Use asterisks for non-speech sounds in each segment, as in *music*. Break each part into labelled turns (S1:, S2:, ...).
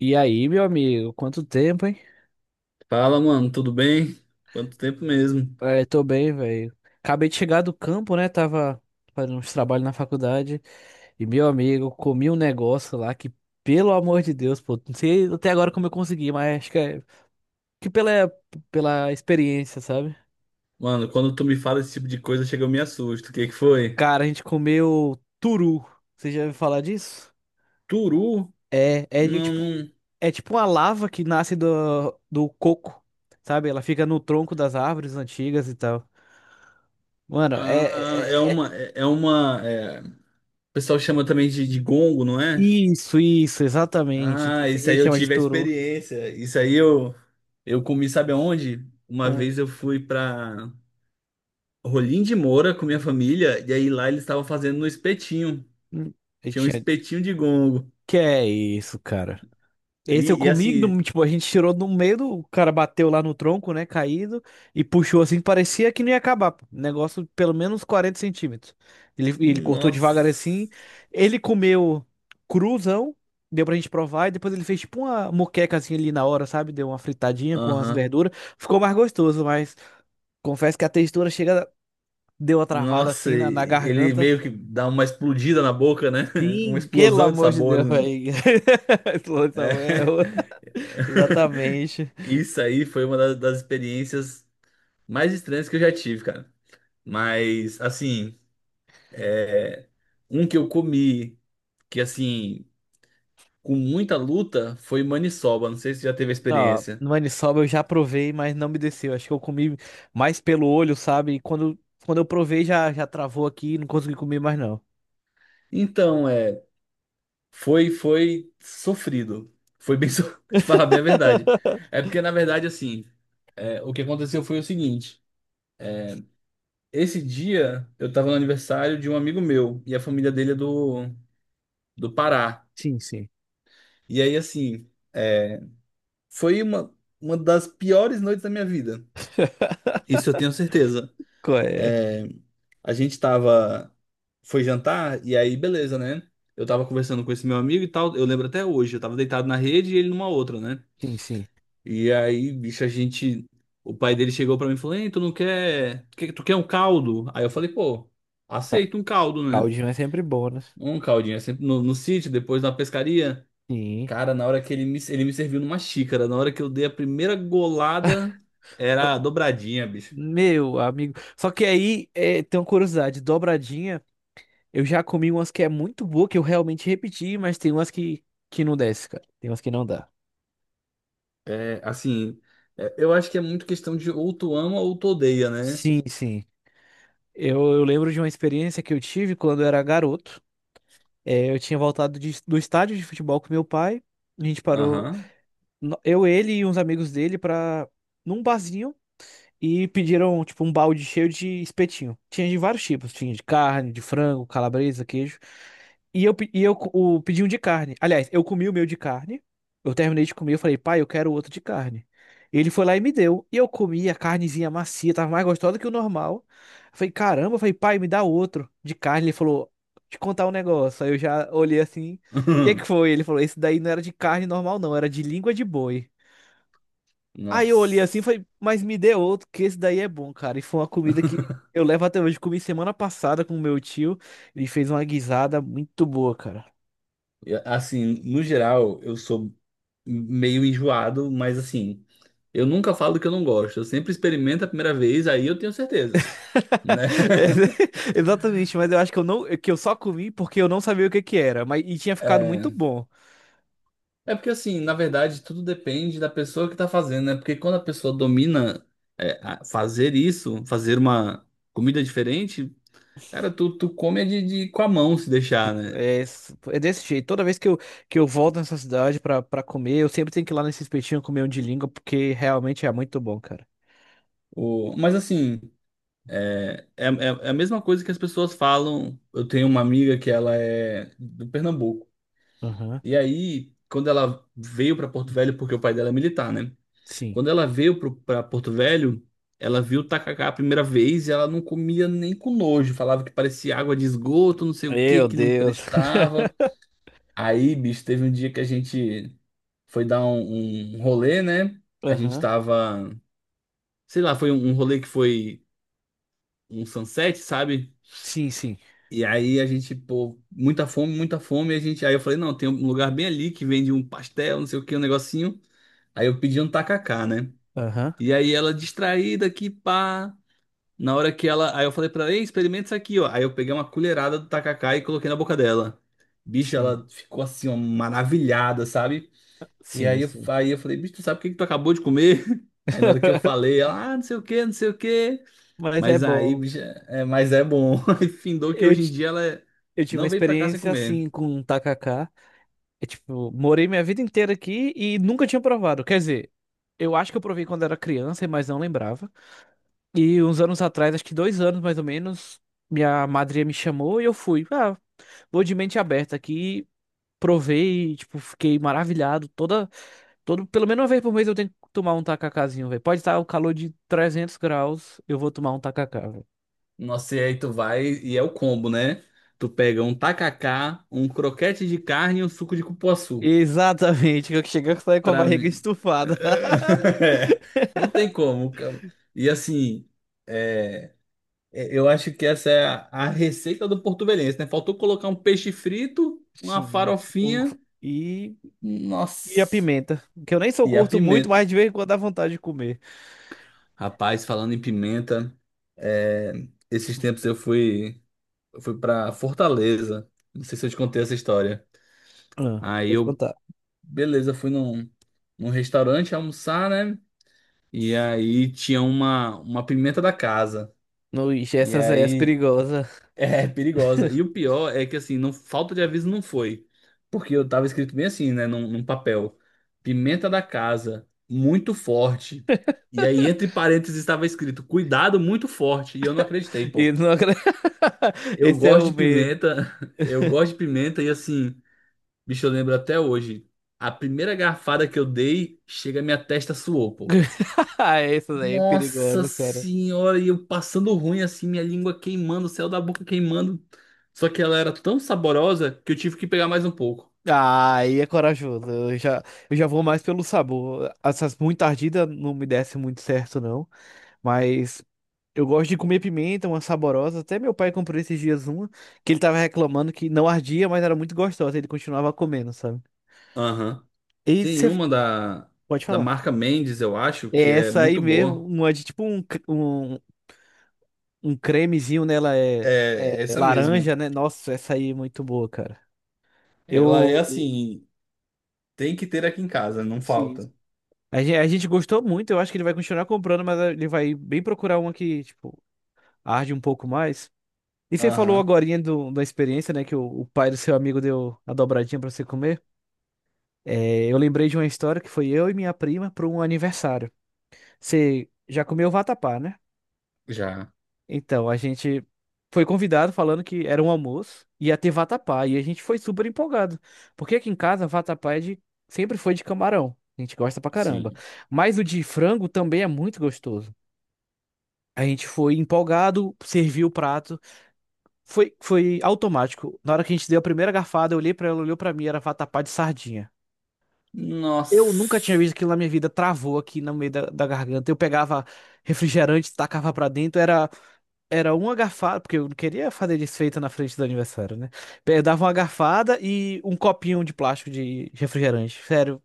S1: E aí, meu amigo, quanto tempo, hein?
S2: Fala, mano, tudo bem? Quanto tempo mesmo?
S1: É, tô bem, velho. Acabei de chegar do campo, né? Tava fazendo uns trabalhos na faculdade. E, meu amigo, comi um negócio lá que, pelo amor de Deus, pô, não sei até agora como eu consegui, mas acho que é que pela experiência, sabe?
S2: Mano, quando tu me fala esse tipo de coisa, chega eu me assusto. O que que foi?
S1: Cara, a gente comeu turu. Você já ouviu falar disso?
S2: Turu?
S1: É, é de
S2: Não,
S1: tipo,
S2: não.
S1: é tipo uma lava que nasce do coco, sabe? Ela fica no tronco das árvores antigas e tal. Mano,
S2: Ah, é
S1: é.
S2: uma, é é uma, é, O pessoal chama também de gongo, não é?
S1: Isso, isso, exatamente. Tem
S2: Ah, isso
S1: gente que
S2: aí eu
S1: chama de
S2: tive a
S1: toru.
S2: experiência. Isso aí eu comi, sabe aonde? Uma
S1: Onde?
S2: vez eu fui pra Rolim de Moura com minha família e aí lá eles estavam fazendo no espetinho.
S1: Hum. Eu
S2: Tinha um
S1: tinha...
S2: espetinho de gongo.
S1: Que é isso, cara? Esse eu
S2: E, e
S1: comi,
S2: assim,
S1: do- tipo, a gente tirou no meio, do- o cara bateu lá no tronco, né, caído, e puxou assim, parecia que não ia acabar, pô. Negócio de pelo menos 40 centímetros. Ele cortou devagar assim,
S2: Nossa.
S1: ele comeu cruzão, deu pra gente provar, e depois ele fez tipo uma moqueca assim ali na hora, sabe? Deu uma fritadinha com as
S2: Aham.
S1: verduras. Ficou mais gostoso, mas confesso que a textura chega. Deu uma travada
S2: Nossa,
S1: assim na
S2: ele
S1: garganta.
S2: meio que dá uma explodida na boca, né? *laughs* Uma
S1: Sim, pelo
S2: explosão de
S1: amor de Deus,
S2: sabores, né?
S1: velho. *laughs* Esse louco tá
S2: É.
S1: bom.
S2: *laughs*
S1: Exatamente.
S2: Isso aí foi das experiências mais estranhas que eu já tive, cara. Mas, assim, é, um que eu comi, que assim, com muita luta, foi maniçoba. Não sei se já teve a
S1: Ó,
S2: experiência.
S1: no maniçoba eu já provei, mas não me desceu. Acho que eu comi mais pelo olho, sabe? E quando eu provei, já travou aqui e não consegui comer mais, não.
S2: Então, foi, foi sofrido. Foi bem, *laughs* te falar bem a verdade. É porque, na verdade, assim, o que aconteceu foi o seguinte. Esse dia eu tava no aniversário de um amigo meu e a família dele é do Pará.
S1: Sim, sim.
S2: E aí, assim, foi uma das piores noites da minha vida.
S1: *laughs*
S2: Isso eu tenho certeza.
S1: Qual é.
S2: É, a gente tava. Foi jantar, e aí, beleza, né? Eu tava conversando com esse meu amigo e tal. Eu lembro até hoje. Eu tava deitado na rede e ele numa outra, né?
S1: Sim, sim.
S2: E aí, bicho, a gente. O pai dele chegou pra mim e falou: Ei, tu não quer. Tu quer um caldo? Aí eu falei: Pô,
S1: Ca-
S2: aceito um caldo, né?
S1: caldinho é sempre bom, né?
S2: Um caldinho, é sempre no sítio, depois na pescaria.
S1: Sim.
S2: Cara, na hora que ele me serviu numa xícara, na hora que eu dei a primeira golada, era dobradinha, bicho.
S1: Meu amigo. Só que aí é, tem uma curiosidade. Dobradinha. Eu já comi umas que é muito boa, que eu realmente repeti, mas tem umas que não desce, cara. Tem umas que não dá.
S2: É, assim, eu acho que é muito questão de ou tu ama ou tu odeia, né?
S1: Sim, sim. Eu lembro de uma experiência que eu tive quando eu era garoto. É, eu tinha voltado de- do estádio de futebol com meu pai. A gente parou,
S2: Aham.
S1: no- eu, ele e uns amigos dele, pra, num barzinho. E pediram, tipo, um balde cheio de espetinho. Tinha de vários tipos, tinha de carne, de frango, calabresa, queijo. E eu, pe- e eu co- o, pedi um de carne. Aliás, eu comi o meu de carne. Eu terminei de comer, eu falei, pai, eu quero outro de carne. Ele foi lá e me deu. E eu comi a carnezinha macia, tava mais gostosa que o normal. Eu falei, caramba, eu falei, pai, me dá outro de carne. Ele falou, te contar um negócio. Aí eu já olhei assim, o que é que
S2: *laughs*
S1: foi? Ele falou, esse daí não era de carne normal, não, era de língua de boi. Aí eu olhei assim e
S2: Nossa.
S1: falei, mas me dê outro, que esse daí é bom, cara. E foi uma comida que eu levo até hoje. Comi semana passada com meu tio. Ele fez uma guisada muito boa, cara.
S2: E, assim, no geral, eu sou meio enjoado, mas assim, eu nunca falo que eu não gosto. Eu sempre experimento a primeira vez, aí eu tenho certeza, né?
S1: *laughs* É, exatamente, mas eu acho que eu não, que eu só comi porque eu não sabia o que que era, mas e tinha ficado muito
S2: *laughs*
S1: bom.
S2: É porque assim, na verdade, tudo depende da pessoa que tá fazendo, né? Porque quando a pessoa domina fazer isso, fazer uma comida diferente, cara, tu come é de, com a mão se deixar, né?
S1: É, s- é desse jeito. Toda vez que que eu volto nessa cidade pra comer, eu sempre tenho que ir lá nesse espetinho comer um de língua, porque realmente é muito bom, cara.
S2: O, mas assim, é a mesma coisa que as pessoas falam. Eu tenho uma amiga que ela é do Pernambuco.
S1: Aham.
S2: E aí, quando ela veio pra Porto Velho, porque o pai dela é militar, né?
S1: Sim.
S2: Quando ela veio para Porto Velho, ela viu o tacacá a primeira vez e ela não comia nem com nojo. Falava que parecia água de esgoto, não sei o que,
S1: Meu
S2: que não
S1: Deus.
S2: prestava. Aí, bicho, teve um dia que a gente foi dar um rolê, né?
S1: *laughs*
S2: A gente
S1: Aham.
S2: tava, sei lá, foi um rolê que foi um sunset, sabe?
S1: Sim, sim.
S2: E aí a gente, pô, muita fome, muita fome. E a gente, aí eu falei, não, tem um lugar bem ali que vende um pastel, não sei o que, um negocinho. Aí eu pedi um tacacá, né?
S1: Aham.
S2: E aí ela distraída aqui, pá. Na hora que ela. Aí eu falei pra ela, ei, experimenta isso aqui, ó. Aí eu peguei uma colherada do tacacá e coloquei na boca dela. Bicho,
S1: Sim.
S2: ela ficou assim, ó, maravilhada, sabe? E
S1: Sim, sim.
S2: aí eu falei, bicho, tu sabe o que que tu acabou de comer? *laughs* Aí na hora que eu
S1: *laughs*
S2: falei, ela, ah, não sei o quê, não sei o quê.
S1: Mas é
S2: Mas aí,
S1: bom.
S2: bicho, mas é bom. *laughs* Aí findou que
S1: Eu,
S2: hoje em
S1: ti-
S2: dia
S1: eu tive uma
S2: não veio pra cá sem
S1: experiência
S2: comer.
S1: assim com um tacacá. É tipo, morei minha vida inteira aqui e nunca tinha provado. Quer dizer, eu acho que eu provei quando era criança, mas não lembrava. E uns anos atrás, acho que 2 anos mais ou menos, minha madrinha me chamou e eu fui. Ah, vou de mente aberta aqui. Provei, tipo, fiquei maravilhado. Todo, pelo menos uma vez por mês eu tenho que tomar um tacacazinho, velho. Pode estar o calor de 300 graus, eu vou tomar um tacacá.
S2: Nossa, e aí tu vai e é o combo, né? Tu pega um tacacá, um croquete de carne e um suco de cupuaçu.
S1: Exatamente, que chega a sair com a
S2: Pra
S1: barriga
S2: mim. *laughs*
S1: estufada. *laughs*
S2: É, não tem como, cara. E assim, é, eu acho que essa é a receita do porto-velhense, né? Faltou colocar um peixe frito, uma
S1: Sim. Um-
S2: farofinha,
S1: E, e a
S2: nossa,
S1: pimenta, que eu nem sou
S2: e a
S1: curto muito,
S2: pimenta.
S1: mas de vez em quando dá vontade de comer.
S2: Rapaz, falando em pimenta, é, esses tempos eu fui para Fortaleza. Não sei se eu te contei essa história.
S1: Ah,
S2: Aí
S1: pode
S2: eu,
S1: contar.
S2: beleza, fui num restaurante almoçar, né? E aí tinha uma pimenta da casa.
S1: No, ixi,
S2: E
S1: essas aí é
S2: aí
S1: perigosa.
S2: *laughs* é perigosa. E o pior é que assim, não, falta de aviso não foi. Porque eu tava escrito bem assim, né, num papel. Pimenta da casa, muito forte. E aí entre parênteses estava escrito cuidado muito forte. E eu não acreditei,
S1: E
S2: pô.
S1: não... acre- *laughs*
S2: Eu
S1: esse é
S2: gosto
S1: o
S2: de
S1: medo. *laughs*
S2: pimenta, *laughs* eu gosto de pimenta e assim, bicho, eu lembro até hoje. A primeira garfada que eu dei, chega a minha testa suou, pô.
S1: Ah, essa daí é
S2: Nossa
S1: perigosa, cara.
S2: senhora, e eu passando ruim assim, minha língua queimando, o céu da boca queimando. Só que ela era tão saborosa que eu tive que pegar mais um pouco.
S1: Ah, aí é corajoso. Eu já vou mais pelo sabor. Essas muito ardidas não me desce muito certo, não. Mas eu gosto de comer pimenta, uma saborosa. Até meu pai comprou esses dias uma, que ele tava reclamando que não ardia, mas era muito gostosa. Ele continuava comendo, sabe?
S2: Aham.
S1: E
S2: Tem
S1: você
S2: uma
S1: pode
S2: da
S1: falar.
S2: marca Mendes, eu acho, que
S1: É
S2: é
S1: essa aí
S2: muito
S1: mesmo,
S2: boa.
S1: uma de tipo um um cremezinho nela é, é
S2: É, essa mesmo.
S1: laranja, né? Nossa, essa aí é muito boa, cara.
S2: Ela é
S1: Eu.
S2: assim, tem que ter aqui em casa, não
S1: Sim.
S2: falta.
S1: A gente gostou muito, eu acho que ele vai continuar comprando, mas ele vai bem procurar uma que, tipo, arde um pouco mais. E você falou
S2: Aham.
S1: agorinha da experiência, né? Que o pai do seu amigo deu a dobradinha pra você comer. É, eu lembrei de uma história que foi eu e minha prima para um aniversário. Você já comeu vatapá, né?
S2: Já,
S1: Então, a gente foi convidado falando que era um almoço, ia ter vatapá, e a gente foi super empolgado. Porque aqui em casa, vatapá é de... sempre foi de camarão. A gente gosta pra caramba.
S2: sim.
S1: Mas o de frango também é muito gostoso. A gente foi empolgado, serviu o prato. Foi automático. Na hora que a gente deu a primeira garfada, eu olhei pra ela, olhou pra mim, era vatapá de sardinha. Eu nunca tinha
S2: Nossa.
S1: visto aquilo na minha vida, travou aqui no meio da garganta. Eu pegava refrigerante, tacava pra dentro, era uma garfada, porque eu não queria fazer desfeita na frente do aniversário, né? Eu dava uma garfada e um copinho de plástico de refrigerante. Sério,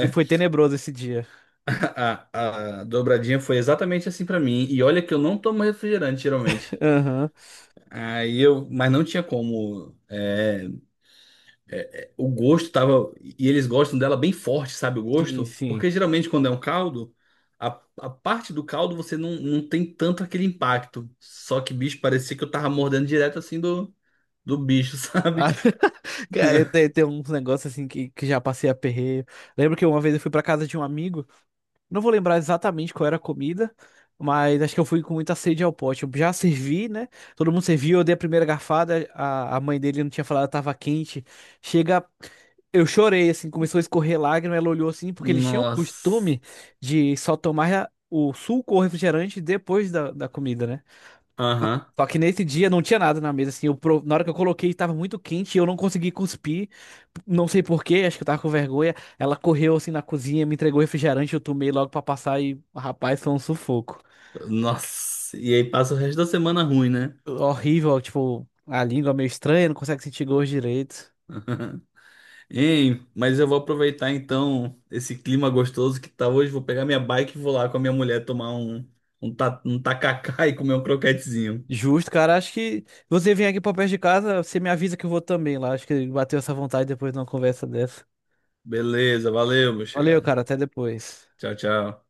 S1: foi tenebroso esse dia.
S2: *laughs* a dobradinha foi exatamente assim pra mim. E olha que eu não tomo refrigerante, geralmente.
S1: Aham.
S2: Aí eu, mas não tinha como. O gosto tava. E eles gostam dela bem forte, sabe? O
S1: Sim,
S2: gosto.
S1: sim.
S2: Porque geralmente quando é um caldo, a, a parte do caldo você não, não tem tanto aquele impacto. Só que, bicho, parecia que eu tava mordendo direto assim do bicho, *laughs*
S1: Ah,
S2: sabe?
S1: *laughs* cara, tem uns negócios assim que já passei aperreio. Lembro que uma vez eu fui pra casa de um amigo. Não vou lembrar exatamente qual era a comida, mas acho que eu fui com muita sede ao pote. Eu já servi, né? Todo mundo serviu, eu dei a primeira garfada, a mãe dele não tinha falado, tava quente. Chega, eu chorei, assim, começou a escorrer lágrima, ela olhou assim, porque eles tinham o
S2: Nossa.
S1: costume de só tomar o suco ou refrigerante depois da comida, né?
S2: Aham.
S1: Só que nesse dia não tinha nada na mesa, assim. Eu, pro- na hora que eu coloquei, estava muito quente e eu não consegui cuspir. Não sei por quê, acho que eu tava com vergonha. Ela correu assim na cozinha, me entregou refrigerante, eu tomei logo pra passar e, rapaz, foi um sufoco.
S2: Nossa. E aí passa o resto da semana ruim, né?
S1: Horrível, tipo, a língua meio estranha, não consegue sentir gosto direito.
S2: *laughs* Ei, mas eu vou aproveitar então esse clima gostoso que tá hoje. Vou pegar minha bike e vou lá com a minha mulher tomar um tacacá *laughs* e comer um croquetezinho.
S1: Justo, cara. Acho que você vem aqui pra perto de casa, você me avisa que eu vou também lá. Acho que bateu essa vontade depois de uma conversa dessa.
S2: Beleza, valeu, meu
S1: Valeu,
S2: chegado.
S1: cara. Até depois.
S2: Tchau, tchau.